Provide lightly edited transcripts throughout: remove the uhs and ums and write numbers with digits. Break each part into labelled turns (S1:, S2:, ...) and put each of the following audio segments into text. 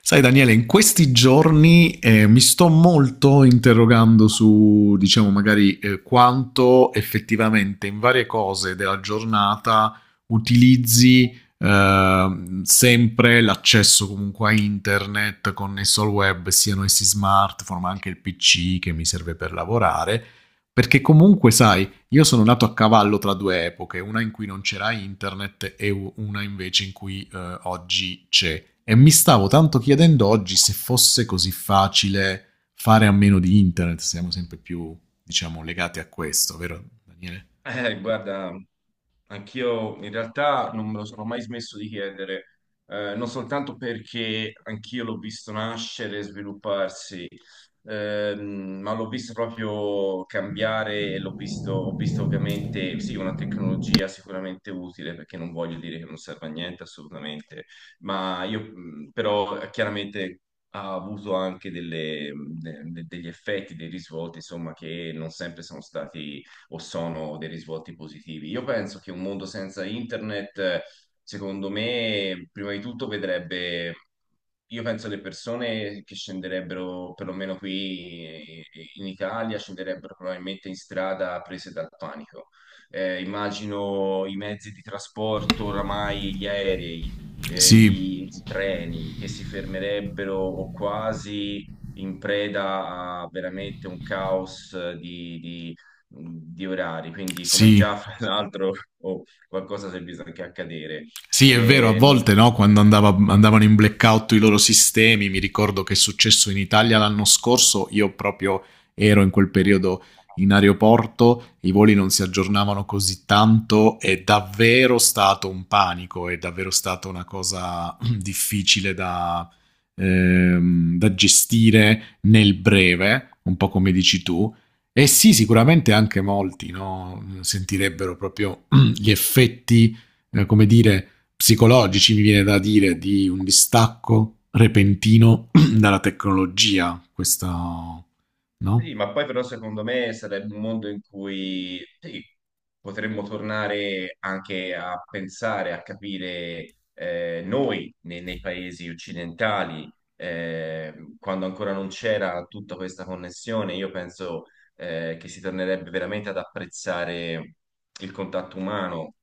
S1: Sai Daniele, in questi giorni mi sto molto interrogando su, diciamo, magari quanto effettivamente in varie cose della giornata utilizzi sempre l'accesso comunque a internet connesso al web, siano essi smartphone, ma anche il PC che mi serve per lavorare, perché comunque, sai, io sono nato a cavallo tra due epoche, una in cui non c'era internet e una invece in cui oggi c'è. E mi stavo tanto chiedendo oggi se fosse così facile fare a meno di internet, siamo sempre più, diciamo, legati a questo, vero Daniele?
S2: Guarda, anch'io in realtà non me lo sono mai smesso di chiedere. Non soltanto perché anch'io l'ho visto nascere e svilupparsi, ma l'ho visto proprio cambiare e ho visto ovviamente, sì, una tecnologia sicuramente utile, perché non voglio dire che non serve a niente assolutamente. Ma io però chiaramente ha avuto anche degli effetti, dei risvolti, insomma, che non sempre sono stati o sono dei risvolti positivi. Io penso che un mondo senza internet, secondo me, prima di tutto vedrebbe, io penso, le persone che scenderebbero, perlomeno qui, in Italia, scenderebbero probabilmente in strada prese dal panico. Immagino i mezzi di trasporto, oramai gli aerei,
S1: Sì,
S2: i treni che si fermerebbero o quasi in preda a veramente un caos di orari, quindi come già
S1: sì.
S2: fra l'altro oh, qualcosa si è visto anche accadere.
S1: Sì, è vero, a
S2: E non-
S1: volte no, quando andavano in blackout i loro sistemi, mi ricordo che è successo in Italia l'anno scorso, io proprio ero in quel periodo in aeroporto, i voli non si aggiornavano così tanto, è davvero stato un panico, è davvero stata una cosa difficile da, da gestire nel breve, un po' come dici tu. E sì, sicuramente anche molti no, sentirebbero proprio gli effetti come dire, psicologici, mi viene da dire, di un distacco repentino dalla tecnologia. Questa, no?
S2: sì, ma poi però secondo me sarebbe un mondo in cui sì, potremmo tornare anche a pensare, a capire, noi nei paesi occidentali, quando ancora non c'era tutta questa connessione. Io penso che si tornerebbe veramente ad apprezzare il contatto umano.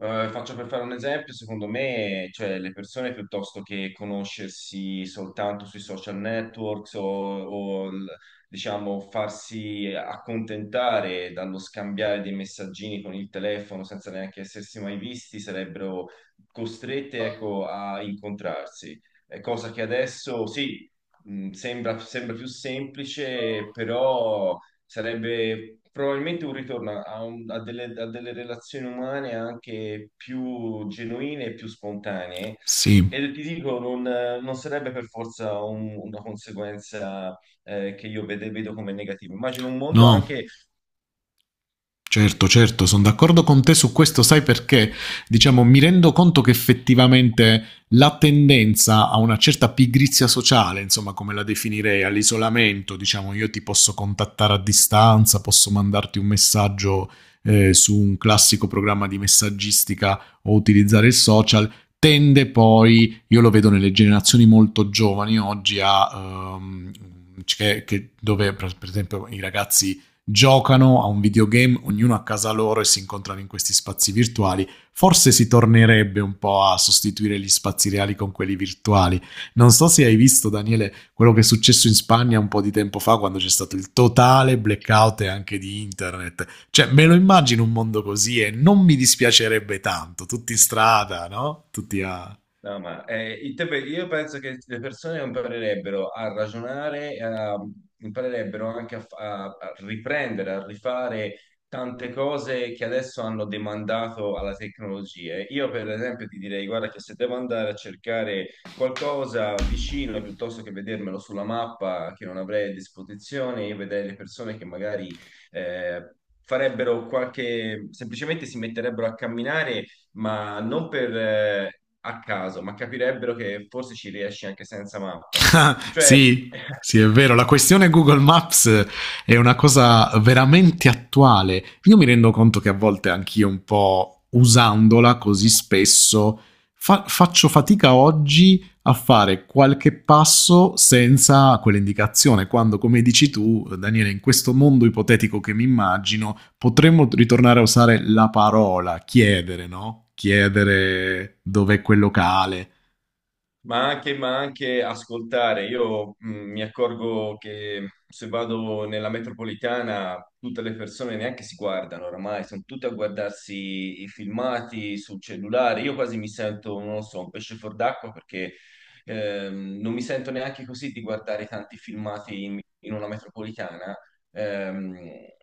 S2: Faccio per fare un esempio, secondo me, cioè, le persone, piuttosto che conoscersi soltanto sui social networks diciamo farsi accontentare dallo scambiare dei messaggini con il telefono senza neanche essersi mai visti, sarebbero costrette, ecco, a incontrarsi. È cosa che adesso sì, sembra più semplice, però sarebbe probabilmente un ritorno a delle relazioni umane anche più genuine e più spontanee.
S1: Sì,
S2: E ti dico, non sarebbe per forza una conseguenza che vedo come negativa. Immagino un mondo
S1: no.
S2: anche
S1: Certo, certo, sono d'accordo con te su questo, sai perché? Diciamo, mi rendo conto che effettivamente la tendenza a una certa pigrizia sociale, insomma, come la definirei, all'isolamento, diciamo, io ti posso contattare a distanza, posso mandarti un messaggio su un classico programma di messaggistica o utilizzare il social, tende poi, io lo vedo nelle generazioni molto giovani oggi, a... dove per esempio i ragazzi giocano a un videogame, ognuno a casa loro e si incontrano in questi spazi virtuali. Forse si tornerebbe un po' a sostituire gli spazi reali con quelli virtuali. Non so se hai visto, Daniele, quello che è successo in Spagna un po' di tempo fa quando c'è stato il totale blackout anche di internet. Cioè, me lo immagino un mondo così e non mi dispiacerebbe tanto, tutti in strada, no? Tutti a
S2: no, ma io penso che le persone imparerebbero a ragionare, imparerebbero anche a riprendere, a rifare tante cose che adesso hanno demandato alla tecnologia. Io, per esempio, ti direi, guarda, che se devo andare a cercare qualcosa vicino, piuttosto che vedermelo sulla mappa che non avrei a disposizione, io vedrei le persone che magari eh, farebbero qualche, semplicemente si metterebbero a camminare, ma non per a caso, ma capirebbero che forse ci riesci anche senza mappa. Cioè,
S1: sì, sì, è vero, la questione Google Maps è una cosa veramente attuale. Io mi rendo conto che a volte anch'io un po' usandola così spesso faccio fatica oggi a fare qualche passo senza quell'indicazione, quando come dici tu, Daniele, in questo mondo ipotetico che mi immagino, potremmo ritornare a usare la parola chiedere, no? Chiedere dov'è quel locale.
S2: ma anche ascoltare. Io mi accorgo che se vado nella metropolitana tutte le persone neanche si guardano oramai, sono tutte a guardarsi i filmati sul cellulare. Io quasi mi sento, non lo so, un pesce fuor d'acqua perché non mi sento neanche così di guardare tanti filmati in una metropolitana. Ehm,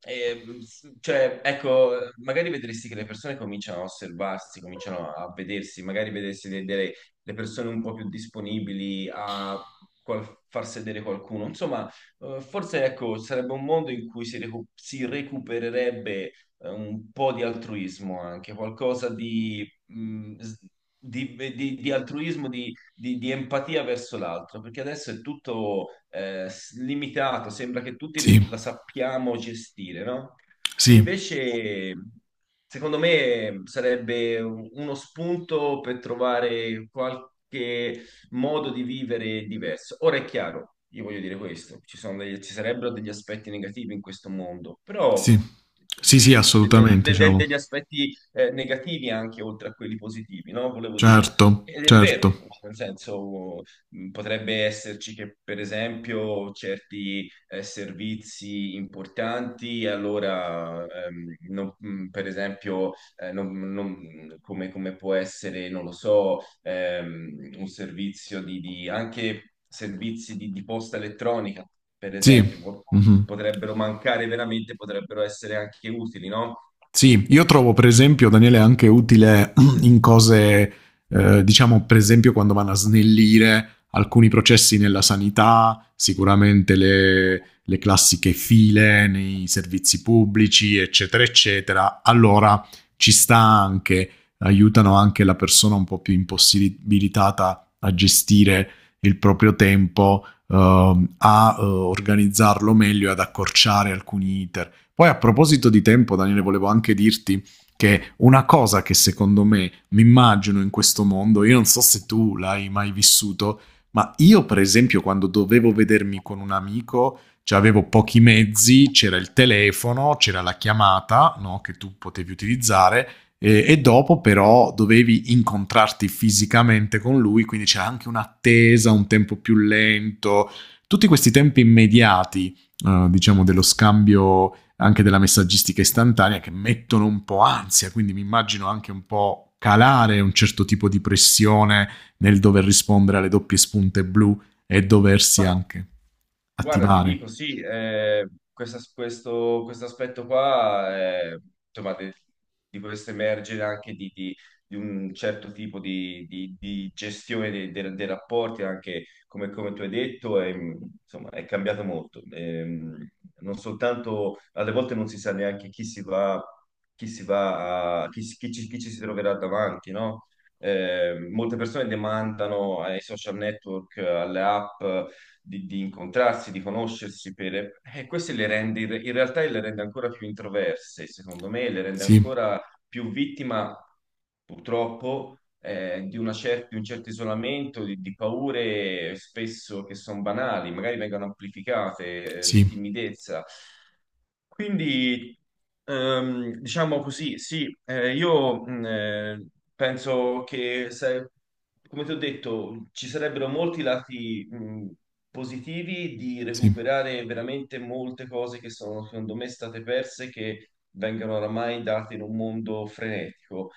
S2: cioè, ecco, magari vedresti che le persone cominciano a osservarsi, cominciano a vedersi, magari vedresti delle le persone un po' più disponibili a far sedere qualcuno. Insomma, forse ecco, sarebbe un mondo in cui si recupererebbe un po' di altruismo anche, qualcosa di altruismo, di empatia verso l'altro, perché adesso è tutto limitato, sembra che tutti
S1: Sì,
S2: la sappiamo gestire, no? E
S1: sì.
S2: invece, secondo me, sarebbe uno spunto per trovare qualche modo di vivere diverso. Ora è chiaro, io voglio dire questo: ci sono ci sarebbero degli aspetti negativi in questo mondo, però
S1: Sì,
S2: mh,
S1: sì, sì,
S2: de-
S1: assolutamente,
S2: de-
S1: diciamo.
S2: degli aspetti negativi anche oltre a quelli positivi, no? Volevo dire.
S1: Certo,
S2: Ed è vero,
S1: certo.
S2: nel senso, potrebbe esserci che per esempio certi servizi importanti, allora per esempio come, come può essere, non lo so, un servizio anche servizi di posta elettronica, per
S1: Sì.
S2: esempio,
S1: Mhm.
S2: potrebbero mancare veramente, potrebbero essere anche utili, no?
S1: Sì, io trovo per esempio, Daniele, anche utile in cose, diciamo per esempio quando vanno a snellire alcuni processi nella sanità, sicuramente le classiche file nei servizi pubblici, eccetera, eccetera. Allora ci sta anche, aiutano anche la persona un po' più impossibilitata a gestire il proprio tempo, a organizzarlo meglio e ad accorciare alcuni iter. Poi a proposito di tempo, Daniele, volevo anche dirti che una cosa che secondo me mi immagino in questo mondo, io non so se tu l'hai mai vissuto, ma io per esempio quando dovevo vedermi con un amico, cioè avevo pochi mezzi, c'era il telefono, c'era la chiamata no, che tu potevi utilizzare e dopo però dovevi incontrarti fisicamente con lui, quindi c'era anche un'attesa, un tempo più lento, tutti questi tempi immediati, diciamo, dello scambio anche della messaggistica istantanea che mettono un po' ansia, quindi mi immagino anche un po' calare un certo tipo di pressione nel dover rispondere alle doppie spunte blu e doversi anche
S2: Guarda, ti
S1: attivare.
S2: dico, sì, questo aspetto qua, insomma, di questo emergere anche di un certo tipo di gestione dei rapporti, anche come, come tu hai detto, è, insomma, è cambiato molto. Non soltanto, alle volte non si sa neanche chi si va, chi ci si troverà davanti, no? Molte persone demandano ai social network, alle app di incontrarsi, di conoscersi, per... queste le rende, in realtà le rende ancora più introverse, secondo me, le rende
S1: Sì,
S2: ancora più vittima, purtroppo, di un certo isolamento, di paure spesso che sono banali, magari vengono amplificate, di
S1: sì,
S2: timidezza. Quindi, diciamo così, sì, io penso che, come ti ho detto, ci sarebbero molti lati positivi di
S1: sì,
S2: recuperare veramente molte cose che sono, secondo me, state perse, che vengono oramai date in un mondo frenetico.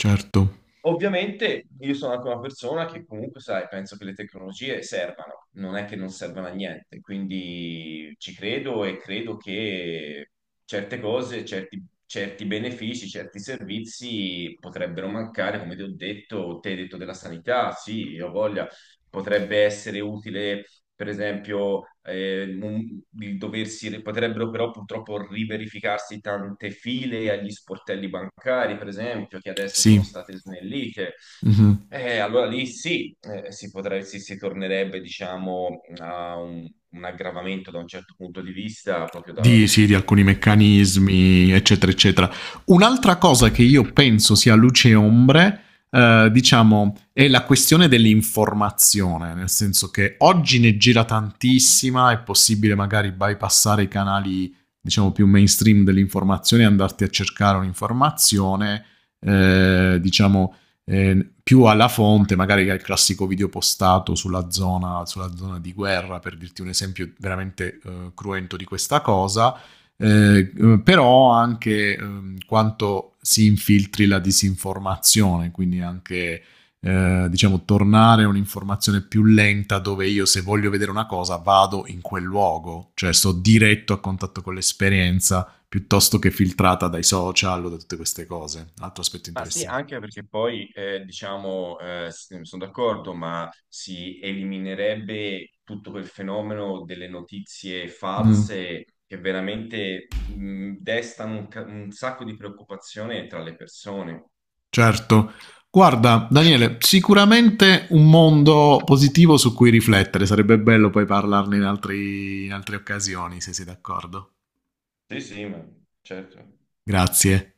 S1: certo,
S2: Ovviamente io sono anche una persona che comunque, sai, penso che le tecnologie servano, non è che non servano a niente, quindi ci credo e credo che certe cose, certi benefici, certi servizi potrebbero mancare. Come ti ho detto, te hai detto della sanità, sì, io ho voglia, potrebbe essere utile, per esempio, di doversi, potrebbero però purtroppo riverificarsi tante file agli sportelli bancari, per esempio, che adesso sono
S1: sì.
S2: state snellite.
S1: Mm-hmm.
S2: Allora lì sì, si potrebbe, si tornerebbe, diciamo, a un aggravamento da un certo punto di vista, proprio da,
S1: Di, sì, di
S2: di
S1: alcuni
S2: questo.
S1: meccanismi, eccetera, eccetera. Un'altra cosa che io penso sia luce e ombre, diciamo, è la questione dell'informazione, nel senso che oggi ne gira tantissima, è possibile magari bypassare i canali, diciamo, più mainstream dell'informazione e andarti a cercare un'informazione, eh, diciamo, più alla fonte, magari che al classico video postato sulla zona di guerra, per dirti un esempio veramente cruento di questa cosa, eh, però anche quanto si infiltri la disinformazione, quindi anche... diciamo, tornare a un'informazione più lenta dove io se voglio vedere una cosa vado in quel luogo, cioè sto diretto a contatto con l'esperienza piuttosto che filtrata dai social o da tutte queste cose. Un altro aspetto
S2: Ma sì,
S1: interessante.
S2: anche perché poi, diciamo, sono d'accordo, ma si eliminerebbe tutto quel fenomeno delle notizie
S1: Mm.
S2: false che veramente destano un sacco di preoccupazione tra le persone.
S1: Certo. Guarda, Daniele, sicuramente un mondo positivo su cui riflettere. Sarebbe bello poi parlarne in in altre occasioni, se sei d'accordo.
S2: Sì, sì, ma certo.
S1: Grazie.